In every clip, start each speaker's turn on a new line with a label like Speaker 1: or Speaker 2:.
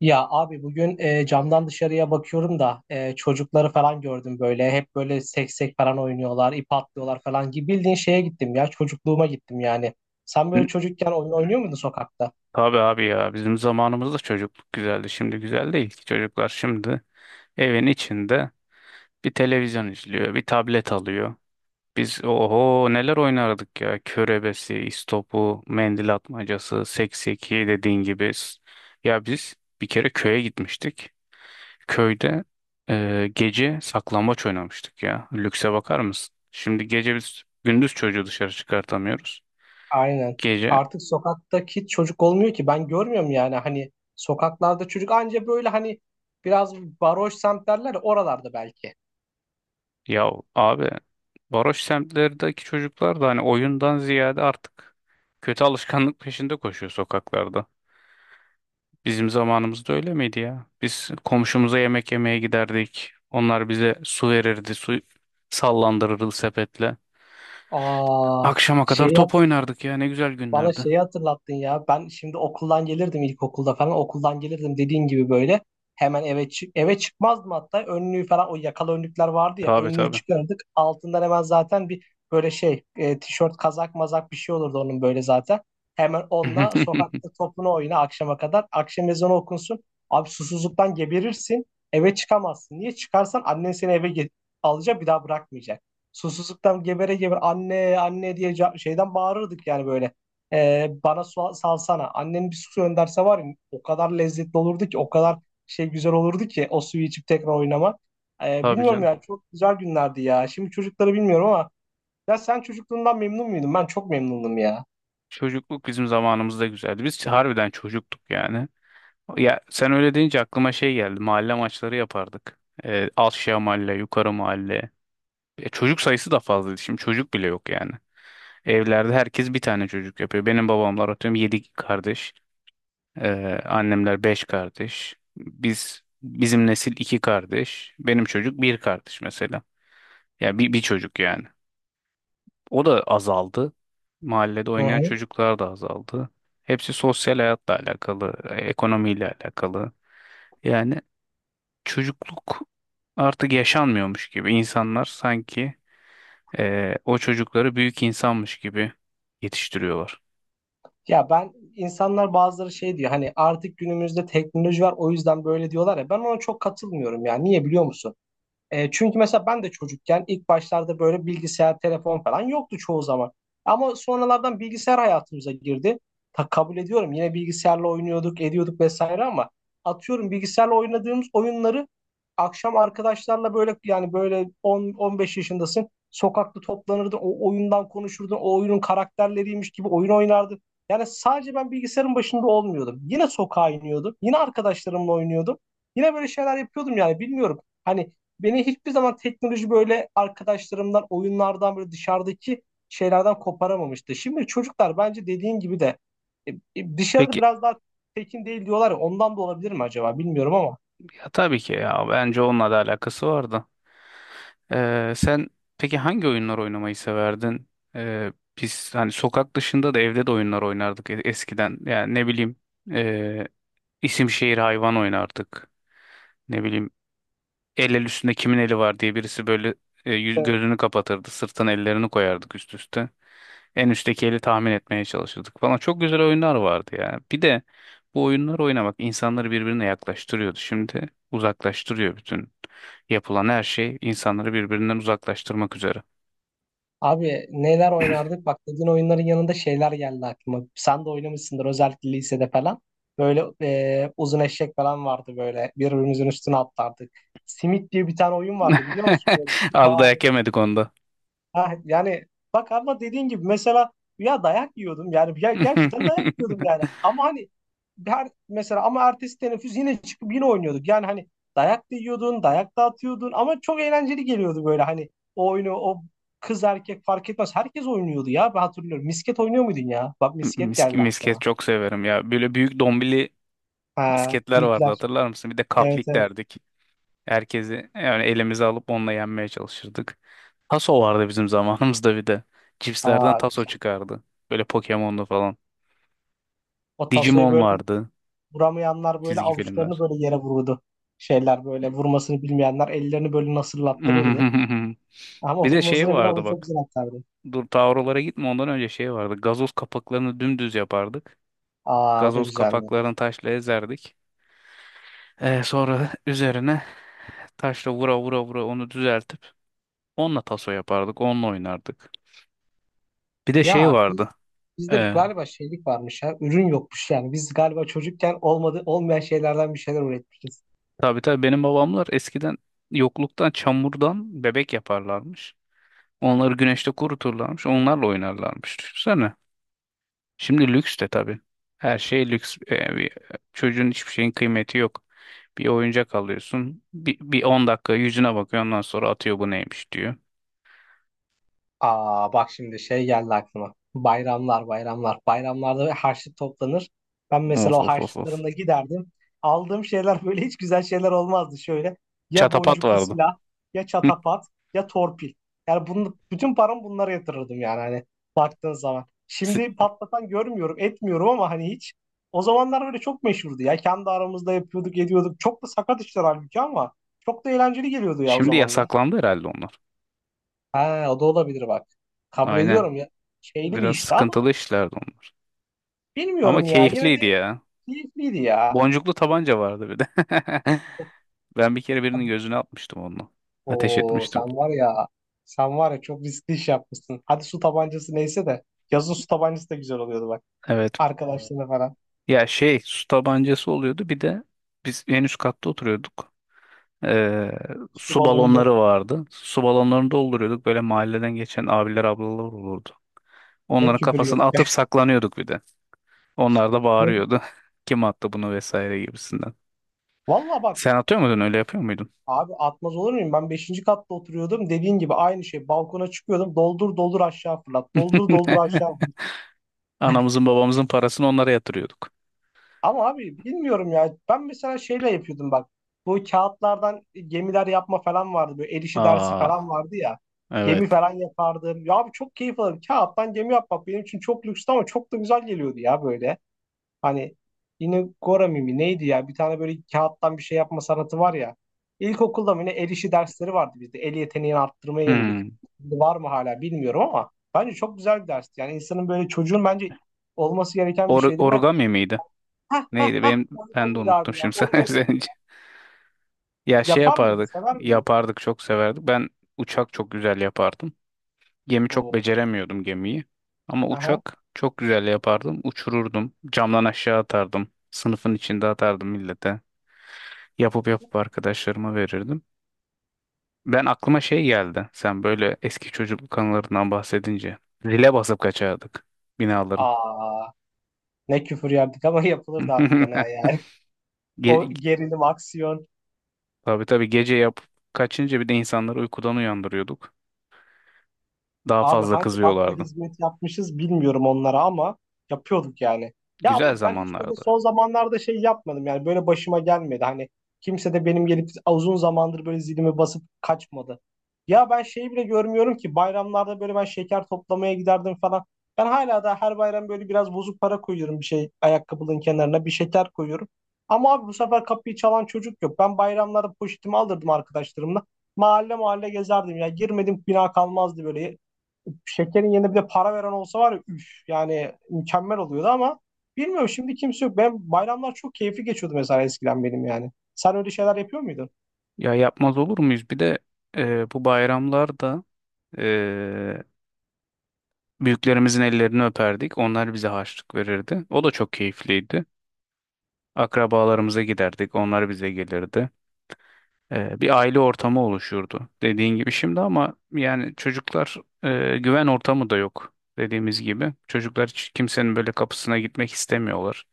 Speaker 1: Ya abi bugün camdan dışarıya bakıyorum da çocukları falan gördüm böyle. Hep böyle seksek falan oynuyorlar, ip atlıyorlar falan gibi. Bildiğin şeye gittim ya, çocukluğuma gittim yani. Sen
Speaker 2: Hı,
Speaker 1: böyle çocukken oyun oynuyor muydun sokakta?
Speaker 2: tabii abi ya bizim zamanımızda çocukluk güzeldi. Şimdi güzel değil ki çocuklar şimdi evin içinde bir televizyon izliyor, bir tablet alıyor. Biz oho neler oynardık ya. Körebesi, istopu, mendil atmacası, sekseki dediğin gibi. S- ya biz bir kere köye gitmiştik. Köyde gece saklambaç oynamıştık ya. Lükse bakar mısın? Şimdi gece biz gündüz çocuğu dışarı çıkartamıyoruz.
Speaker 1: Aynen.
Speaker 2: Gece
Speaker 1: Artık sokaktaki çocuk olmuyor ki. Ben görmüyorum yani hani sokaklarda çocuk anca böyle hani biraz baroş semt derler ya, oralarda belki.
Speaker 2: ya abi varoş semtlerdeki çocuklar da hani oyundan ziyade artık kötü alışkanlık peşinde koşuyor sokaklarda. Bizim zamanımızda öyle miydi ya? Biz komşumuza yemek yemeye giderdik. Onlar bize su verirdi, su sallandırırdı sepetle.
Speaker 1: Aa,
Speaker 2: Akşama kadar
Speaker 1: şey
Speaker 2: top oynardık ya, ne güzel
Speaker 1: Bana
Speaker 2: günlerdi.
Speaker 1: şeyi hatırlattın ya. Ben şimdi okuldan gelirdim ilkokulda falan. Okuldan gelirdim dediğin gibi böyle. Hemen eve çıkmazdım hatta. Önlüğü falan o yakalı önlükler vardı ya.
Speaker 2: Tabii
Speaker 1: Önlüğü
Speaker 2: tabii.
Speaker 1: çıkardık. Altından hemen zaten bir böyle tişört kazak mazak bir şey olurdu onun böyle zaten. Hemen onunla sokakta topunu oyna akşama kadar. Akşam ezanı okunsun. Abi susuzluktan geberirsin. Eve çıkamazsın. Niye? Çıkarsan annen seni eve alacak bir daha bırakmayacak. Susuzluktan gebere gebere anne anne diye şeyden bağırırdık yani böyle. Bana su salsana. Annem bir su gönderse var ya o kadar lezzetli olurdu ki o kadar güzel olurdu ki o suyu içip tekrar oynamak. Ee,
Speaker 2: Tabii
Speaker 1: bilmiyorum
Speaker 2: canım.
Speaker 1: ya çok güzel günlerdi ya. Şimdi çocukları bilmiyorum ama ya sen çocukluğundan memnun muydun? Ben çok memnundum ya.
Speaker 2: Çocukluk bizim zamanımızda güzeldi. Biz harbiden çocuktuk yani. Ya sen öyle deyince aklıma şey geldi. Mahalle maçları yapardık. Aşağı mahalle, yukarı mahalle. E, çocuk sayısı da fazlaydı. Şimdi çocuk bile yok yani. Evlerde herkes bir tane çocuk yapıyor. Benim babamlar atıyorum 7 kardeş. Annemler beş kardeş. Biz bizim nesil iki kardeş. Benim çocuk bir kardeş mesela. Ya bir çocuk yani. O da azaldı. Mahallede
Speaker 1: Hı
Speaker 2: oynayan
Speaker 1: hı.
Speaker 2: çocuklar da azaldı. Hepsi sosyal hayatla alakalı, ekonomiyle alakalı. Yani çocukluk artık yaşanmıyormuş gibi. İnsanlar sanki o çocukları büyük insanmış gibi yetiştiriyorlar.
Speaker 1: Ya ben insanlar bazıları şey diyor hani artık günümüzde teknoloji var o yüzden böyle diyorlar ya ben ona çok katılmıyorum ya. Niye biliyor musun? Çünkü mesela ben de çocukken ilk başlarda böyle bilgisayar, telefon falan yoktu çoğu zaman. Ama sonralardan bilgisayar hayatımıza girdi. Kabul ediyorum yine bilgisayarla oynuyorduk, ediyorduk vesaire ama atıyorum bilgisayarla oynadığımız oyunları akşam arkadaşlarla böyle yani böyle 10-15 yaşındasın. Sokakta toplanırdın, o oyundan konuşurdun, o oyunun karakterleriymiş gibi oyun oynardın. Yani sadece ben bilgisayarın başında olmuyordum. Yine sokağa iniyordum, yine arkadaşlarımla oynuyordum. Yine böyle şeyler yapıyordum yani bilmiyorum. Hani beni hiçbir zaman teknoloji böyle arkadaşlarımdan, oyunlardan böyle dışarıdaki şeylerden koparamamıştı. Şimdi çocuklar bence dediğin gibi de dışarıda
Speaker 2: Peki
Speaker 1: biraz daha tekin değil diyorlar ya ondan da olabilir mi acaba bilmiyorum ama.
Speaker 2: ya tabii ki ya bence onunla da alakası vardı. Sen peki hangi oyunlar oynamayı severdin? Ee, Biz hani sokak dışında da evde de oyunlar oynardık eskiden. Yani ne bileyim e, isim şehir hayvan oynardık. Ne bileyim el el üstünde kimin eli var diye birisi böyle
Speaker 1: Evet.
Speaker 2: gözünü kapatırdı. Sırtına ellerini koyardık üst üste. En üstteki eli tahmin etmeye çalışırdık falan. Çok güzel oyunlar vardı ya. Bir de bu oyunlar oynamak insanları birbirine yaklaştırıyordu. Şimdi uzaklaştırıyor bütün yapılan her şey insanları birbirinden uzaklaştırmak üzere.
Speaker 1: Abi neler oynardık bak dediğin oyunların yanında şeyler geldi aklıma. Sen de oynamışsındır özellikle lisede falan. Böyle uzun eşek falan vardı böyle birbirimizin üstüne atlardık. Simit diye bir tane oyun vardı biliyor musun? Böyle
Speaker 2: Az dayak yemedik onda.
Speaker 1: ha, yani bak ama dediğin gibi mesela ya dayak yiyordum yani ya gerçekten dayak yiyordum yani ama hani her mesela ama ertesi teneffüs yine çıkıp yine oynuyorduk yani hani dayak da yiyordun dayak da atıyordun ama çok eğlenceli geliyordu böyle hani o oyunu o kız erkek fark etmez herkes oynuyordu ya ben hatırlıyorum misket oynuyor muydun ya bak misket geldi
Speaker 2: Misket
Speaker 1: aklıma
Speaker 2: çok severim ya. Böyle büyük dombili
Speaker 1: ha,
Speaker 2: misketler vardı
Speaker 1: büyükler
Speaker 2: hatırlar mısın? Bir de
Speaker 1: evet
Speaker 2: kaplik
Speaker 1: evet
Speaker 2: derdik. Herkesi yani elimize alıp onunla yenmeye çalışırdık. Taso vardı bizim zamanımızda bir de. Cipslerden
Speaker 1: Aa,
Speaker 2: taso
Speaker 1: güzel
Speaker 2: çıkardı. Böyle Pokemon'da falan.
Speaker 1: o tasoyu
Speaker 2: Digimon
Speaker 1: böyle
Speaker 2: vardı.
Speaker 1: vuramayanlar böyle
Speaker 2: Çizgi
Speaker 1: avuçlarını
Speaker 2: filmler.
Speaker 1: böyle yere vururdu. Şeyler böyle vurmasını bilmeyenler ellerini böyle nasırlattırırdı. Ama
Speaker 2: Bir de şey
Speaker 1: vurmasını bilen
Speaker 2: vardı
Speaker 1: onu çok
Speaker 2: bak.
Speaker 1: güzel atardı.
Speaker 2: Dur tavrolara gitme ondan önce şey vardı. Gazoz kapaklarını dümdüz yapardık.
Speaker 1: Aa o da
Speaker 2: Gazoz
Speaker 1: güzeldi.
Speaker 2: kapaklarını taşla ezerdik. Sonra üzerine taşla vura vura vura onu düzeltip onunla taso yapardık. Onunla oynardık. Bir de şey
Speaker 1: Ya
Speaker 2: vardı.
Speaker 1: bizde
Speaker 2: E,
Speaker 1: galiba şeylik varmış ya. Ürün yokmuş yani. Biz galiba çocukken olmadı olmayan şeylerden bir şeyler üretmişiz.
Speaker 2: Tabii tabii benim babamlar eskiden yokluktan çamurdan bebek yaparlarmış. Onları güneşte kuruturlarmış. Onlarla oynarlarmış. Düşünsene. Şimdi lüks de tabii. Her şey lüks. Çocuğun hiçbir şeyin kıymeti yok. Bir oyuncak alıyorsun. Bir 10 dakika yüzüne bakıyor. Ondan sonra atıyor bu neymiş diyor.
Speaker 1: Aa bak şimdi şey geldi aklıma. Bayramlar, bayramlar. Bayramlarda harçlık toplanır. Ben mesela
Speaker 2: Of
Speaker 1: o
Speaker 2: of of of.
Speaker 1: harçlıklarımla giderdim. Aldığım şeyler böyle hiç güzel şeyler olmazdı şöyle. Ya
Speaker 2: Çatapat
Speaker 1: boncuklu
Speaker 2: vardı.
Speaker 1: silah, ya çatapat, ya torpil. Yani bunu, bütün paramı bunlara yatırırdım yani hani baktığın zaman.
Speaker 2: Si-
Speaker 1: Şimdi patlatan görmüyorum, etmiyorum ama hani hiç. O zamanlar böyle çok meşhurdu ya. Kendi aramızda yapıyorduk, ediyorduk. Çok da sakat işler halbuki ama çok da eğlenceli geliyordu ya o
Speaker 2: şimdi
Speaker 1: zamanlar.
Speaker 2: yasaklandı herhalde onlar.
Speaker 1: Ha, o da olabilir bak. Kabul
Speaker 2: Aynen.
Speaker 1: ediyorum ya. Şeyli bir
Speaker 2: Biraz
Speaker 1: işti ama
Speaker 2: sıkıntılı işlerdi onlar. Ama
Speaker 1: bilmiyorum ya. Yine
Speaker 2: keyifliydi
Speaker 1: de
Speaker 2: ya.
Speaker 1: keyifliydi ya.
Speaker 2: Boncuklu tabanca vardı bir de. Ben bir kere birinin
Speaker 1: Hadi-
Speaker 2: gözüne atmıştım onunla. Ateş
Speaker 1: Oo
Speaker 2: etmiştim.
Speaker 1: sen var ya. Sen var ya çok riskli iş yapmışsın. Hadi su tabancası neyse de. Yazın su tabancası da güzel oluyordu bak. Evet.
Speaker 2: Evet.
Speaker 1: Arkadaşlarına falan.
Speaker 2: Ya şey su tabancası oluyordu. Bir de biz en üst katta oturuyorduk. Ee,
Speaker 1: Su
Speaker 2: Su
Speaker 1: balonunda
Speaker 2: balonları vardı. Su balonlarını dolduruyorduk. Böyle mahalleden geçen abiler ablalar olurdu.
Speaker 1: ne
Speaker 2: Onların
Speaker 1: küfür
Speaker 2: kafasına
Speaker 1: yiyorduk yani.
Speaker 2: atıp saklanıyorduk bir de. Onlar da bağırıyordu. Kim attı bunu vesaire gibisinden.
Speaker 1: Valla bak
Speaker 2: Sen atıyor muydun öyle yapıyor muydun?
Speaker 1: abi atmaz olur muyum? Ben 5. katta oturuyordum. Dediğin gibi aynı şey. Balkona çıkıyordum. Doldur doldur aşağı fırlat. Doldur doldur aşağı fırlat.
Speaker 2: Anamızın babamızın parasını onlara yatırıyorduk.
Speaker 1: Ama abi bilmiyorum ya. Ben mesela şeyle yapıyordum bak. Bu kağıtlardan gemiler yapma falan vardı. Böyle el işi dersi falan
Speaker 2: Aa
Speaker 1: vardı ya.
Speaker 2: evet.
Speaker 1: Gemi falan yapardım. Ya abi çok keyif alırım. Kağıttan gemi yapmak benim için çok lükstü ama çok da güzel geliyordu ya böyle. Hani yine Gora mimi neydi ya? Bir tane böyle kağıttan bir şey yapma sanatı var ya. İlkokulda mı ne el işi dersleri vardı bizde. El yeteneğini arttırmaya yönelik.
Speaker 2: Hmm.
Speaker 1: Şimdi var mı hala bilmiyorum ama bence çok güzel bir dersti. Yani insanın böyle çocuğun bence olması gereken bir
Speaker 2: Or
Speaker 1: şeydi ve
Speaker 2: origami miydi?
Speaker 1: Hah hah
Speaker 2: Neydi?
Speaker 1: hah.
Speaker 2: Benim ben de
Speaker 1: Origamiydi
Speaker 2: unuttum
Speaker 1: abi ya.
Speaker 2: şimdi sen
Speaker 1: Origamiydi
Speaker 2: söyleyince.
Speaker 1: ya.
Speaker 2: Ya şey
Speaker 1: Yapar mıydı?
Speaker 2: yapardık.
Speaker 1: Sever miydi?
Speaker 2: Yapardık çok severdik. Ben uçak çok güzel yapardım. Gemi çok
Speaker 1: Oo.
Speaker 2: beceremiyordum gemiyi. Ama
Speaker 1: Aha.
Speaker 2: uçak çok güzel yapardım. Uçururdum. Camdan aşağı atardım. Sınıfın içinde atardım millete. Yapıp yapıp arkadaşlarıma verirdim. Ben aklıma şey geldi. Sen böyle eski çocukluk anılarından bahsedince. Zile basıp kaçardık binaların.
Speaker 1: Aa. Ne küfür yerdik ama yapılırdı harbiden ha yani.
Speaker 2: Ge
Speaker 1: O gerilim, aksiyon.
Speaker 2: tabii tabii gece yapıp kaçınca bir de insanları uykudan uyandırıyorduk. Daha
Speaker 1: Abi
Speaker 2: fazla
Speaker 1: hangi akla
Speaker 2: kızıyorlardı.
Speaker 1: hizmet yapmışız bilmiyorum onlara ama yapıyorduk yani. Ya
Speaker 2: Güzel
Speaker 1: ama ben hiç böyle
Speaker 2: zamanlardı.
Speaker 1: son zamanlarda şey yapmadım yani böyle başıma gelmedi. Hani kimse de benim gelip uzun zamandır böyle zilimi basıp kaçmadı. Ya ben şeyi bile görmüyorum ki bayramlarda böyle ben şeker toplamaya giderdim falan. Ben hala da her bayram böyle biraz bozuk para koyuyorum bir şey ayakkabının kenarına bir şeker koyuyorum. Ama abi bu sefer kapıyı çalan çocuk yok. Ben bayramlarda poşetimi alırdım arkadaşlarımla. Mahalle mahalle gezerdim ya. Girmedim bina kalmazdı böyle şekerin yerine bir de para veren olsa var ya üf yani mükemmel oluyordu ama bilmiyorum şimdi kimse yok. Ben bayramlar çok keyifli geçiyordu mesela eskiden benim yani. Sen öyle şeyler yapıyor muydun?
Speaker 2: Ya yapmaz olur muyuz? Bir de bu bayramlarda e, büyüklerimizin ellerini öperdik. Onlar bize harçlık verirdi. O da çok keyifliydi. Akrabalarımıza giderdik. Onlar bize gelirdi. E, bir aile ortamı oluşurdu. Dediğin gibi şimdi ama yani çocuklar güven ortamı da yok. Dediğimiz gibi çocuklar hiç kimsenin böyle kapısına gitmek istemiyorlar.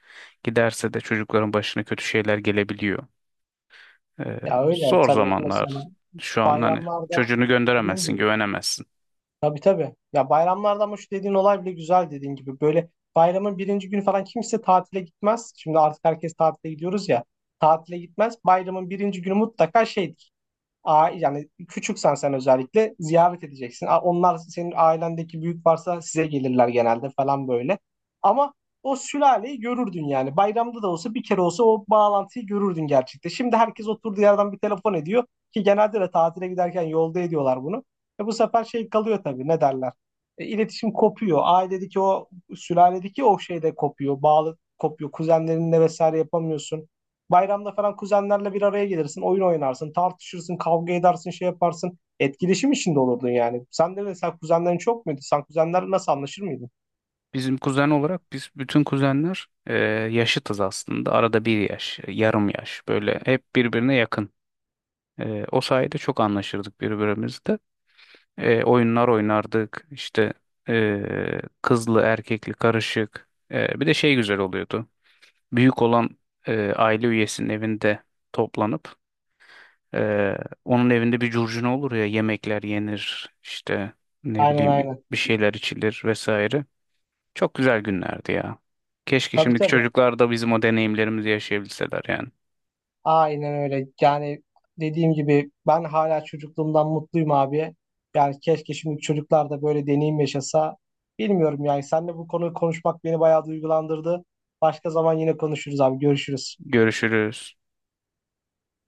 Speaker 2: Giderse de çocukların başına kötü şeyler gelebiliyor. Ee,
Speaker 1: Ya öyle
Speaker 2: Zor
Speaker 1: tabii
Speaker 2: zamanlar
Speaker 1: mesela
Speaker 2: şu an hani
Speaker 1: bayramlarda
Speaker 2: çocuğunu
Speaker 1: dediğin
Speaker 2: gönderemezsin,
Speaker 1: gibi.
Speaker 2: güvenemezsin.
Speaker 1: Tabii tabii. Ya bayramlarda ama şu dediğin olay bile güzel dediğin gibi. Böyle bayramın birinci günü falan kimse tatile gitmez. Şimdi artık herkes tatile gidiyoruz ya. Tatile gitmez. Bayramın birinci günü mutlaka şeydir. Yani küçüksen sen özellikle ziyaret edeceksin. Onlar senin ailendeki büyük varsa size gelirler genelde falan böyle. Ama o sülaleyi görürdün yani. Bayramda da olsa bir kere olsa o bağlantıyı görürdün gerçekten. Şimdi herkes oturduğu yerden bir telefon ediyor ki genelde de tatile giderken yolda ediyorlar bunu. Bu sefer şey kalıyor tabii ne derler. E, iletişim kopuyor. Ailedeki o sülaledeki o şey de kopuyor. Bağlı kopuyor. Kuzenlerinle vesaire yapamıyorsun. Bayramda falan kuzenlerle bir araya gelirsin, oyun oynarsın, tartışırsın, kavga edersin, şey yaparsın. Etkileşim içinde olurdun yani. Sen de mesela kuzenlerin çok muydu? Sen kuzenlerle nasıl anlaşır mıydın?
Speaker 2: Bizim kuzen olarak biz bütün kuzenler yaşıtız aslında. Arada bir yaş, yarım yaş böyle hep birbirine yakın. E, o sayede çok anlaşırdık birbirimizle. E, oyunlar oynardık işte kızlı erkekli karışık. E, bir de şey güzel oluyordu. Büyük olan aile üyesinin evinde toplanıp Ee, onun evinde bir curcuna olur ya yemekler yenir işte ne
Speaker 1: Aynen
Speaker 2: bileyim
Speaker 1: aynen.
Speaker 2: bir şeyler içilir vesaire. Çok güzel günlerdi ya. Keşke
Speaker 1: Tabii
Speaker 2: şimdiki
Speaker 1: tabii.
Speaker 2: çocuklar da bizim o deneyimlerimizi yaşayabilseler yani.
Speaker 1: Aynen öyle. Yani dediğim gibi ben hala çocukluğumdan mutluyum abi. Yani keşke şimdi çocuklar da böyle deneyim yaşasa. Bilmiyorum yani seninle bu konuyu konuşmak beni bayağı duygulandırdı. Başka zaman yine konuşuruz abi. Görüşürüz.
Speaker 2: Görüşürüz.